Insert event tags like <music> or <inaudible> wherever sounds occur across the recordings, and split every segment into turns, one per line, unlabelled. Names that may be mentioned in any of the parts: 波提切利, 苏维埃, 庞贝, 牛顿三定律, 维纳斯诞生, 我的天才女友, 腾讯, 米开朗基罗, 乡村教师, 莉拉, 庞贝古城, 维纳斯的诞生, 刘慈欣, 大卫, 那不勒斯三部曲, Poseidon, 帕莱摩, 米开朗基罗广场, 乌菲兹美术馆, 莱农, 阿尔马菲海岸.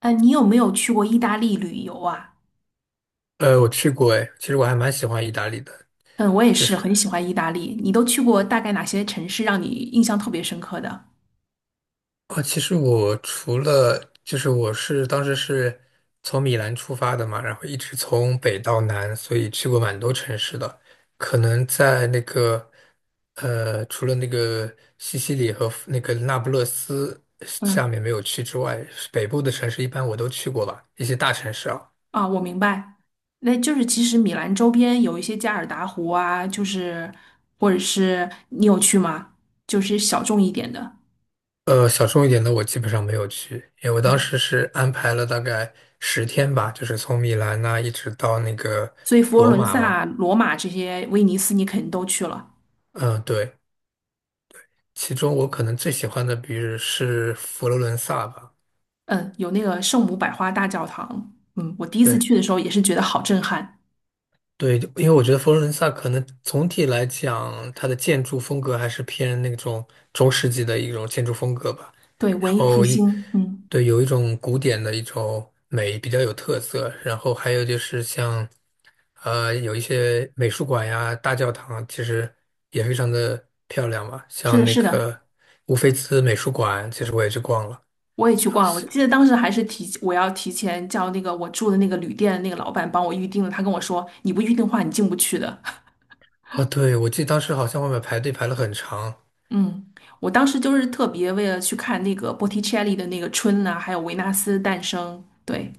哎，你有没有去过意大利旅游啊？
我去过哎，其实我还蛮喜欢意大利的，
嗯，我也
就
是很
是
喜欢意大利。你都去过大概哪些城市让你印象特别深刻的？
啊，其实我除了就是我是当时是从米兰出发的嘛，然后一直从北到南，所以去过蛮多城市的。可能在那个除了那个西西里和那个那不勒斯下
嗯，
面没有去之外，北部的城市一般我都去过吧，一些大城市啊。
啊，我明白。那就是其实米兰周边有一些加尔达湖啊，就是或者是你有去吗？就是小众一点的。
小众一点的我基本上没有去，因为我当
嗯，
时是安排了大概10天吧，就是从米兰呐、一直到那个
所以佛罗
罗
伦
马嘛。
萨、罗马这些，威尼斯你肯定都去了。
嗯，对，其中我可能最喜欢的，比如是佛罗伦萨吧。
嗯，有那个圣母百花大教堂。嗯，我第一次
对，
去的时候也是觉得好震撼。
对，因为我觉得佛罗伦萨可能总体来讲，它的建筑风格还是偏那种中世纪的一种建筑风格吧。
对，
然
文艺复
后
兴。嗯，
对，有一种古典的一种美，比较有特色。然后还有就是像，有一些美术馆呀、大教堂，其实也非常的漂亮嘛。
是
像
的，
那
是的。
个乌菲兹美术馆，其实我也去逛了。
我也去逛了，我记得当时还是我要提前叫那个我住的那个旅店的那个老板帮我预定了，他跟我说你不预定的话你进不去的。<laughs>
哦，对，我记得当时好像外面排队排了很长。
嗯，我当时就是特别为了去看那个波提切利的那个春呐、还有维纳斯诞生。对，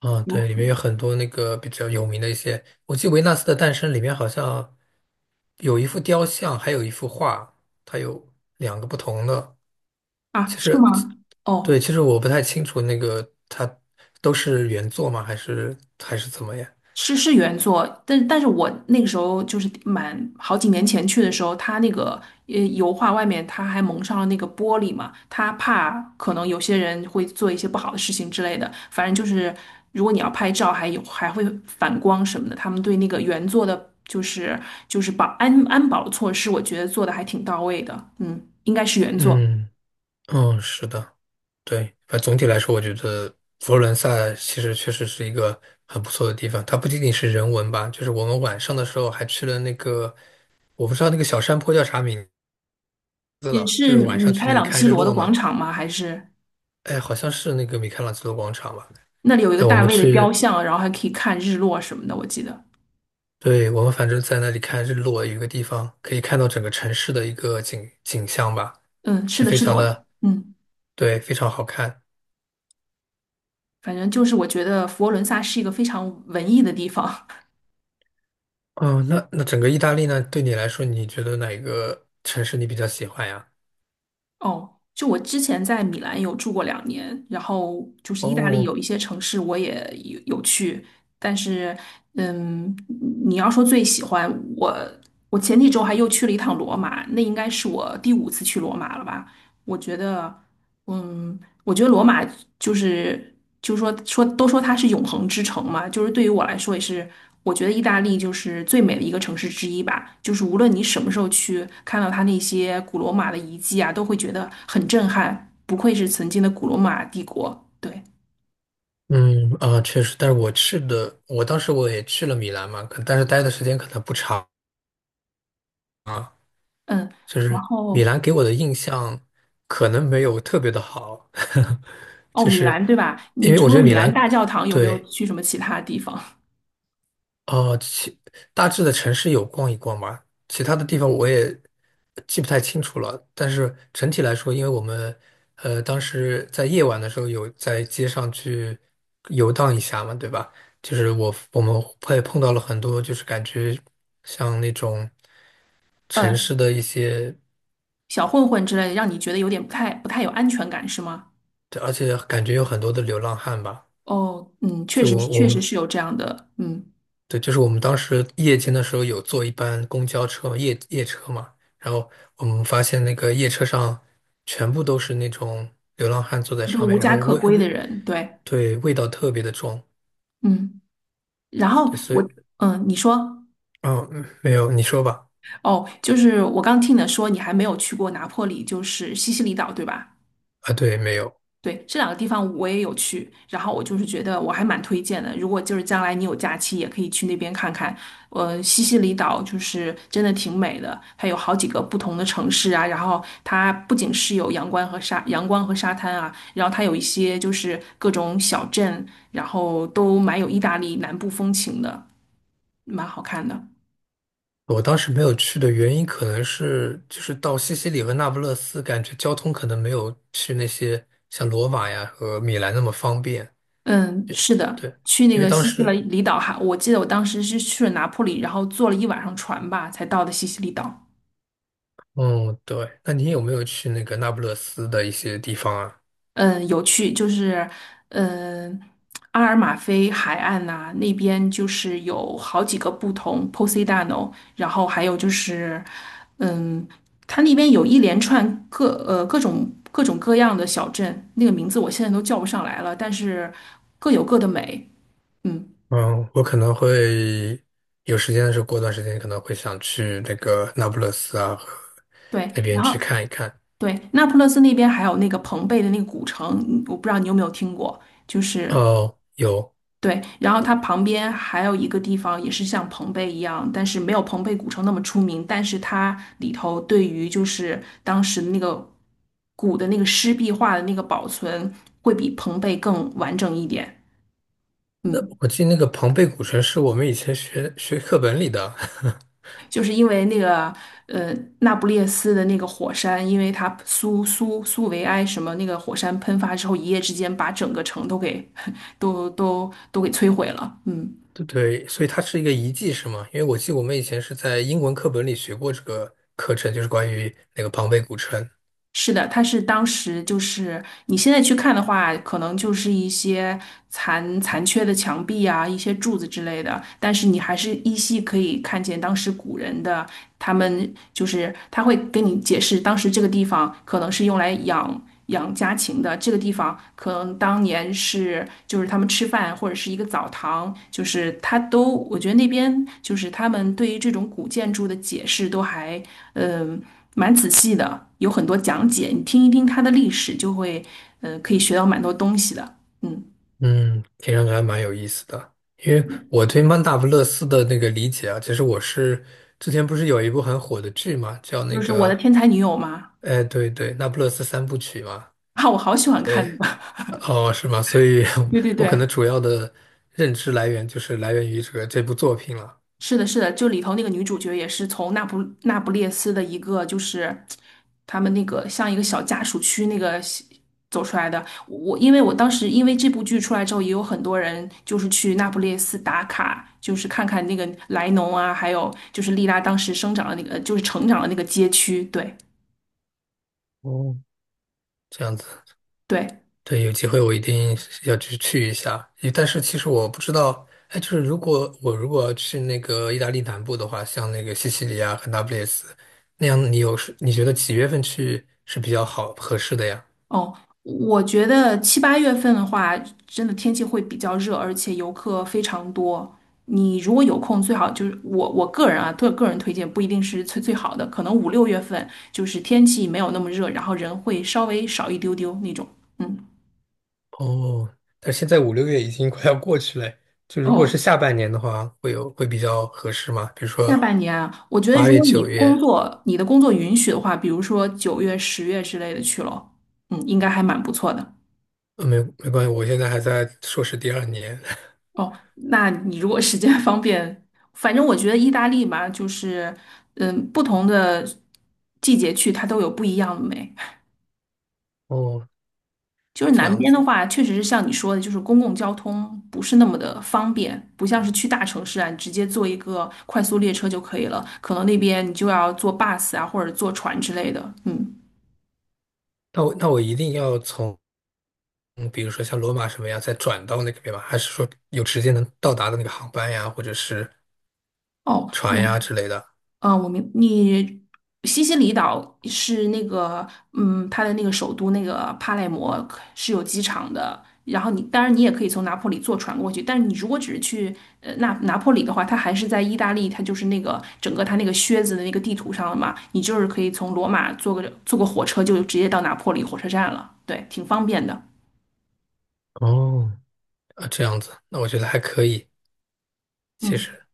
嗯，
哦
对，里面有很多那个比较有名的一些，我记得《维纳斯的诞生》里面好像有一幅雕像，还有一幅画，它有两个不同的。
啊，
其
是
实，
吗？哦，
对，其实我不太清楚那个它都是原作吗？还是怎么样？
是原作，但是我那个时候就是满好几年前去的时候，它那个油画外面它还蒙上了那个玻璃嘛，它怕可能有些人会做一些不好的事情之类的。反正就是如果你要拍照，还有还会反光什么的，他们对那个原作的，就是安保措施，我觉得做的还挺到位的。嗯，应该是原作，
嗯嗯，是的，对，反正总体来说，我觉得佛罗伦萨其实确实是一个很不错的地方。它不仅仅是人文吧，就是我们晚上的时候还去了那个，我不知道那个小山坡叫啥名斯
也
了，就
是
是晚
米
上去
开
那里
朗
看
基
日
罗的
落
广
嘛。
场吗？还是
哎，好像是那个米开朗基罗广场吧？
那里有一个
哎，我
大
们
卫的雕
去，
像，然后还可以看日落什么的，我记得。
对，我们反正在那里看日落，有一个地方可以看到整个城市的一个景象吧，
嗯，是
这
的，
非
是的，
常的，对，非常好看。
反正就是我觉得佛罗伦萨是一个非常文艺的地方。
嗯，那那整个意大利呢，对你来说，你觉得哪一个城市你比较喜欢呀？
<laughs> 哦，就我之前在米兰有住过2年，然后就是意大利有
哦，
一些城市我也有去，但是嗯，你要说最喜欢我，我前几周还又去了一趟罗马，那应该是我第五次去罗马了吧？我觉得，嗯，我觉得罗马就是就是说都说它是永恒之城嘛，就是对于我来说也是，我觉得意大利就是最美的一个城市之一吧。就是无论你什么时候去，看到它那些古罗马的遗迹啊，都会觉得很震撼。不愧是曾经的古罗马帝国，对，
嗯啊，确实，但是我去的，我当时我也去了米兰嘛，可但是待的时间可能不长。
嗯，
就
然
是
后
米兰给我的印象可能没有特别的好，<laughs>
哦，
就
米
是
兰对吧？你
因为我
除
觉
了
得
米
米
兰
兰
大教堂，有没有
对
去什么其他地方？
哦，其大致的城市有逛一逛吧，其他的地方我也记不太清楚了。但是整体来说，因为我们当时在夜晚的时候有在街上去游荡一下嘛，对吧？就是我们会碰到了很多，就是感觉像那种城
嗯，
市的一些。
小混混之类的，让你觉得有点不太有安全感是吗？
对，而且感觉有很多的流浪汉吧。
哦，嗯，确
就
实
我我
确实
们
是有这样的，嗯。
对，就是我们当时夜间的时候有坐一班公交车嘛，夜车嘛，然后我们发现那个夜车上全部都是那种流浪汉坐在
对，
上
无
面，然
家
后
可归的人，对，
对味道特别的重。
嗯，然后
对，所以
我，嗯，你说，
嗯，嗯没有，你说吧。
哦，就是我刚听你说你还没有去过拿破里，就是西西里岛，对吧？
啊，对，没有。
对，这两个地方我也有去，然后我就是觉得我还蛮推荐的，如果就是将来你有假期，也可以去那边看看。西西里岛就是真的挺美的，它有好几个不同的城市啊，然后它不仅是有阳光和沙滩啊，然后它有一些就是各种小镇，然后都蛮有意大利南部风情的。蛮好看的。
我当时没有去的原因可能是，就是到西西里和那不勒斯，感觉交通可能没有去那些像罗马呀和米兰那么方便。
嗯，是的，
对，
去那
因为
个
当
西西
时，
里里岛哈，我记得我当时是去了拿破里，然后坐了一晚上船吧，才到的西西里岛。
嗯，对，那你有没有去那个那不勒斯的一些地方啊？
嗯，有趣，就是嗯，阿尔马菲海岸呐、那边就是有好几个不同 Poseidon，然后还有就是嗯，它那边有一连串各种各样的小镇，那个名字我现在都叫不上来了，但是各有各的美。嗯，
嗯，我可能会有时间的时候，过段时间可能会想去那个那不勒斯啊，和
对，
那边
然
去
后。
看一看。
对，那不勒斯那边还有那个庞贝的那个古城，嗯我不知道你有没有听过，就是
哦，有，
对，然后它旁边还有一个地方也是像庞贝一样，但是没有庞贝古城那么出名，但是它里头对于就是当时的那个古的那个湿壁画的那个保存会比庞贝更完整一点。
那
嗯。
我记得那个庞贝古城是我们以前学课本里的，
就是因为那个呃那不列斯的那个火山，因为它苏维埃什么那个火山喷发之后，一夜之间把整个城都给 <laughs> 都给摧毁了。嗯，
<laughs> 对对，所以它是一个遗迹是吗？因为我记得我们以前是在英文课本里学过这个课程，就是关于那个庞贝古城。
是的，它是当时就是你现在去看的话，可能就是一些残缺的墙壁啊，一些柱子之类的，但是你还是依稀可以看见当时古人的他们就是他会跟你解释，当时这个地方可能是用来养家禽的，这个地方可能当年是就是他们吃饭或者是一个澡堂，就是他都我觉得那边就是他们对于这种古建筑的解释都还嗯、呃蛮仔细的，有很多讲解，你听一听它的历史，就会可以学到蛮多东西的。嗯，
嗯，听上去还蛮有意思的。因为我对曼达布勒斯的那个理解啊，其实我是之前不是有一部很火的剧嘛，叫
就
那
是我的
个，
天才女友嘛，
哎，对对，那不勒斯三部曲嘛，
<laughs> 啊，我好喜欢看
对，
那个
哦，是吗？所以
<laughs> 对对
<laughs> 我可能
对。
主要的认知来源就是来源于这部作品了，
是的，是的，就里头那个女主角也是从那不列斯的一个，就是他们那个像一个小家属区那个走出来的。我因为我当时因为这部剧出来之后，也有很多人就是去那不列斯打卡，就是看看那个莱农啊，还有就是莉拉当时生长的那个，就是成长的那个街区。对
哦，这样子。
对，
对，有机会我一定是要去去一下。诶但是其实我不知道，哎，就是如果我如果去那个意大利南部的话，像那个西西里啊和那不勒斯那样，你有是你觉得几月份去是比较好合适的呀？
哦，我觉得7、8月份的话，真的天气会比较热，而且游客非常多。你如果有空，最好就是我个人啊，个人推荐不一定是最最好的，可能5、6月份就是天气没有那么热，然后人会稍微少一丢丢那种。嗯，
哦，但是现在五六月已经快要过去了，就如果是
哦，
下半年的话，会比较合适吗？比如
下
说
半年啊，我觉得
八
如
月、
果你
九
工
月，
作你的工作允许的话，比如说9月、10月之类的去咯，嗯，应该还蛮不错的。
没关系，我现在还在硕士第二年。
哦，那你如果时间方便，反正我觉得意大利吧，就是嗯，不同的季节去它都有不一样的美。
<laughs> 哦，
就是
这
南
样
边
子
的
呢，
话，确实是像你说的，就是公共交通不是那么的方便，不像是去大城市啊，你直接坐一个快速列车就可以了。可能那边你就要坐 bus 啊，或者坐船之类的。嗯，
那我一定要从。嗯，比如说像罗马什么呀，再转到那个边吗？还是说有直接能到达的那个航班呀，或者是
哦，
船
我。
呀之类的？
啊，你西西里岛是那个，嗯，它的那个首都那个帕莱摩可是有机场的。然后当然你也可以从拿破里坐船过去，但是你如果只是去那拿破里的话，它还是在意大利，它就是那个整个它那个靴子的那个地图上了嘛，你就是可以从罗马坐个火车就直接到拿破里火车站了，对，挺方便的。
哦，啊，这样子，那我觉得还可以，其
嗯，
实，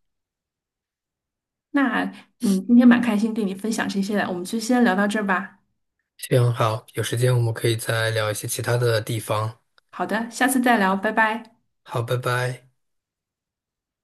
那今天蛮开心跟你分享这些的，我们就先聊到这儿吧。
行好，有时间我们可以再聊一些其他的地方。
好的，下次再聊，拜拜。
好，拜拜。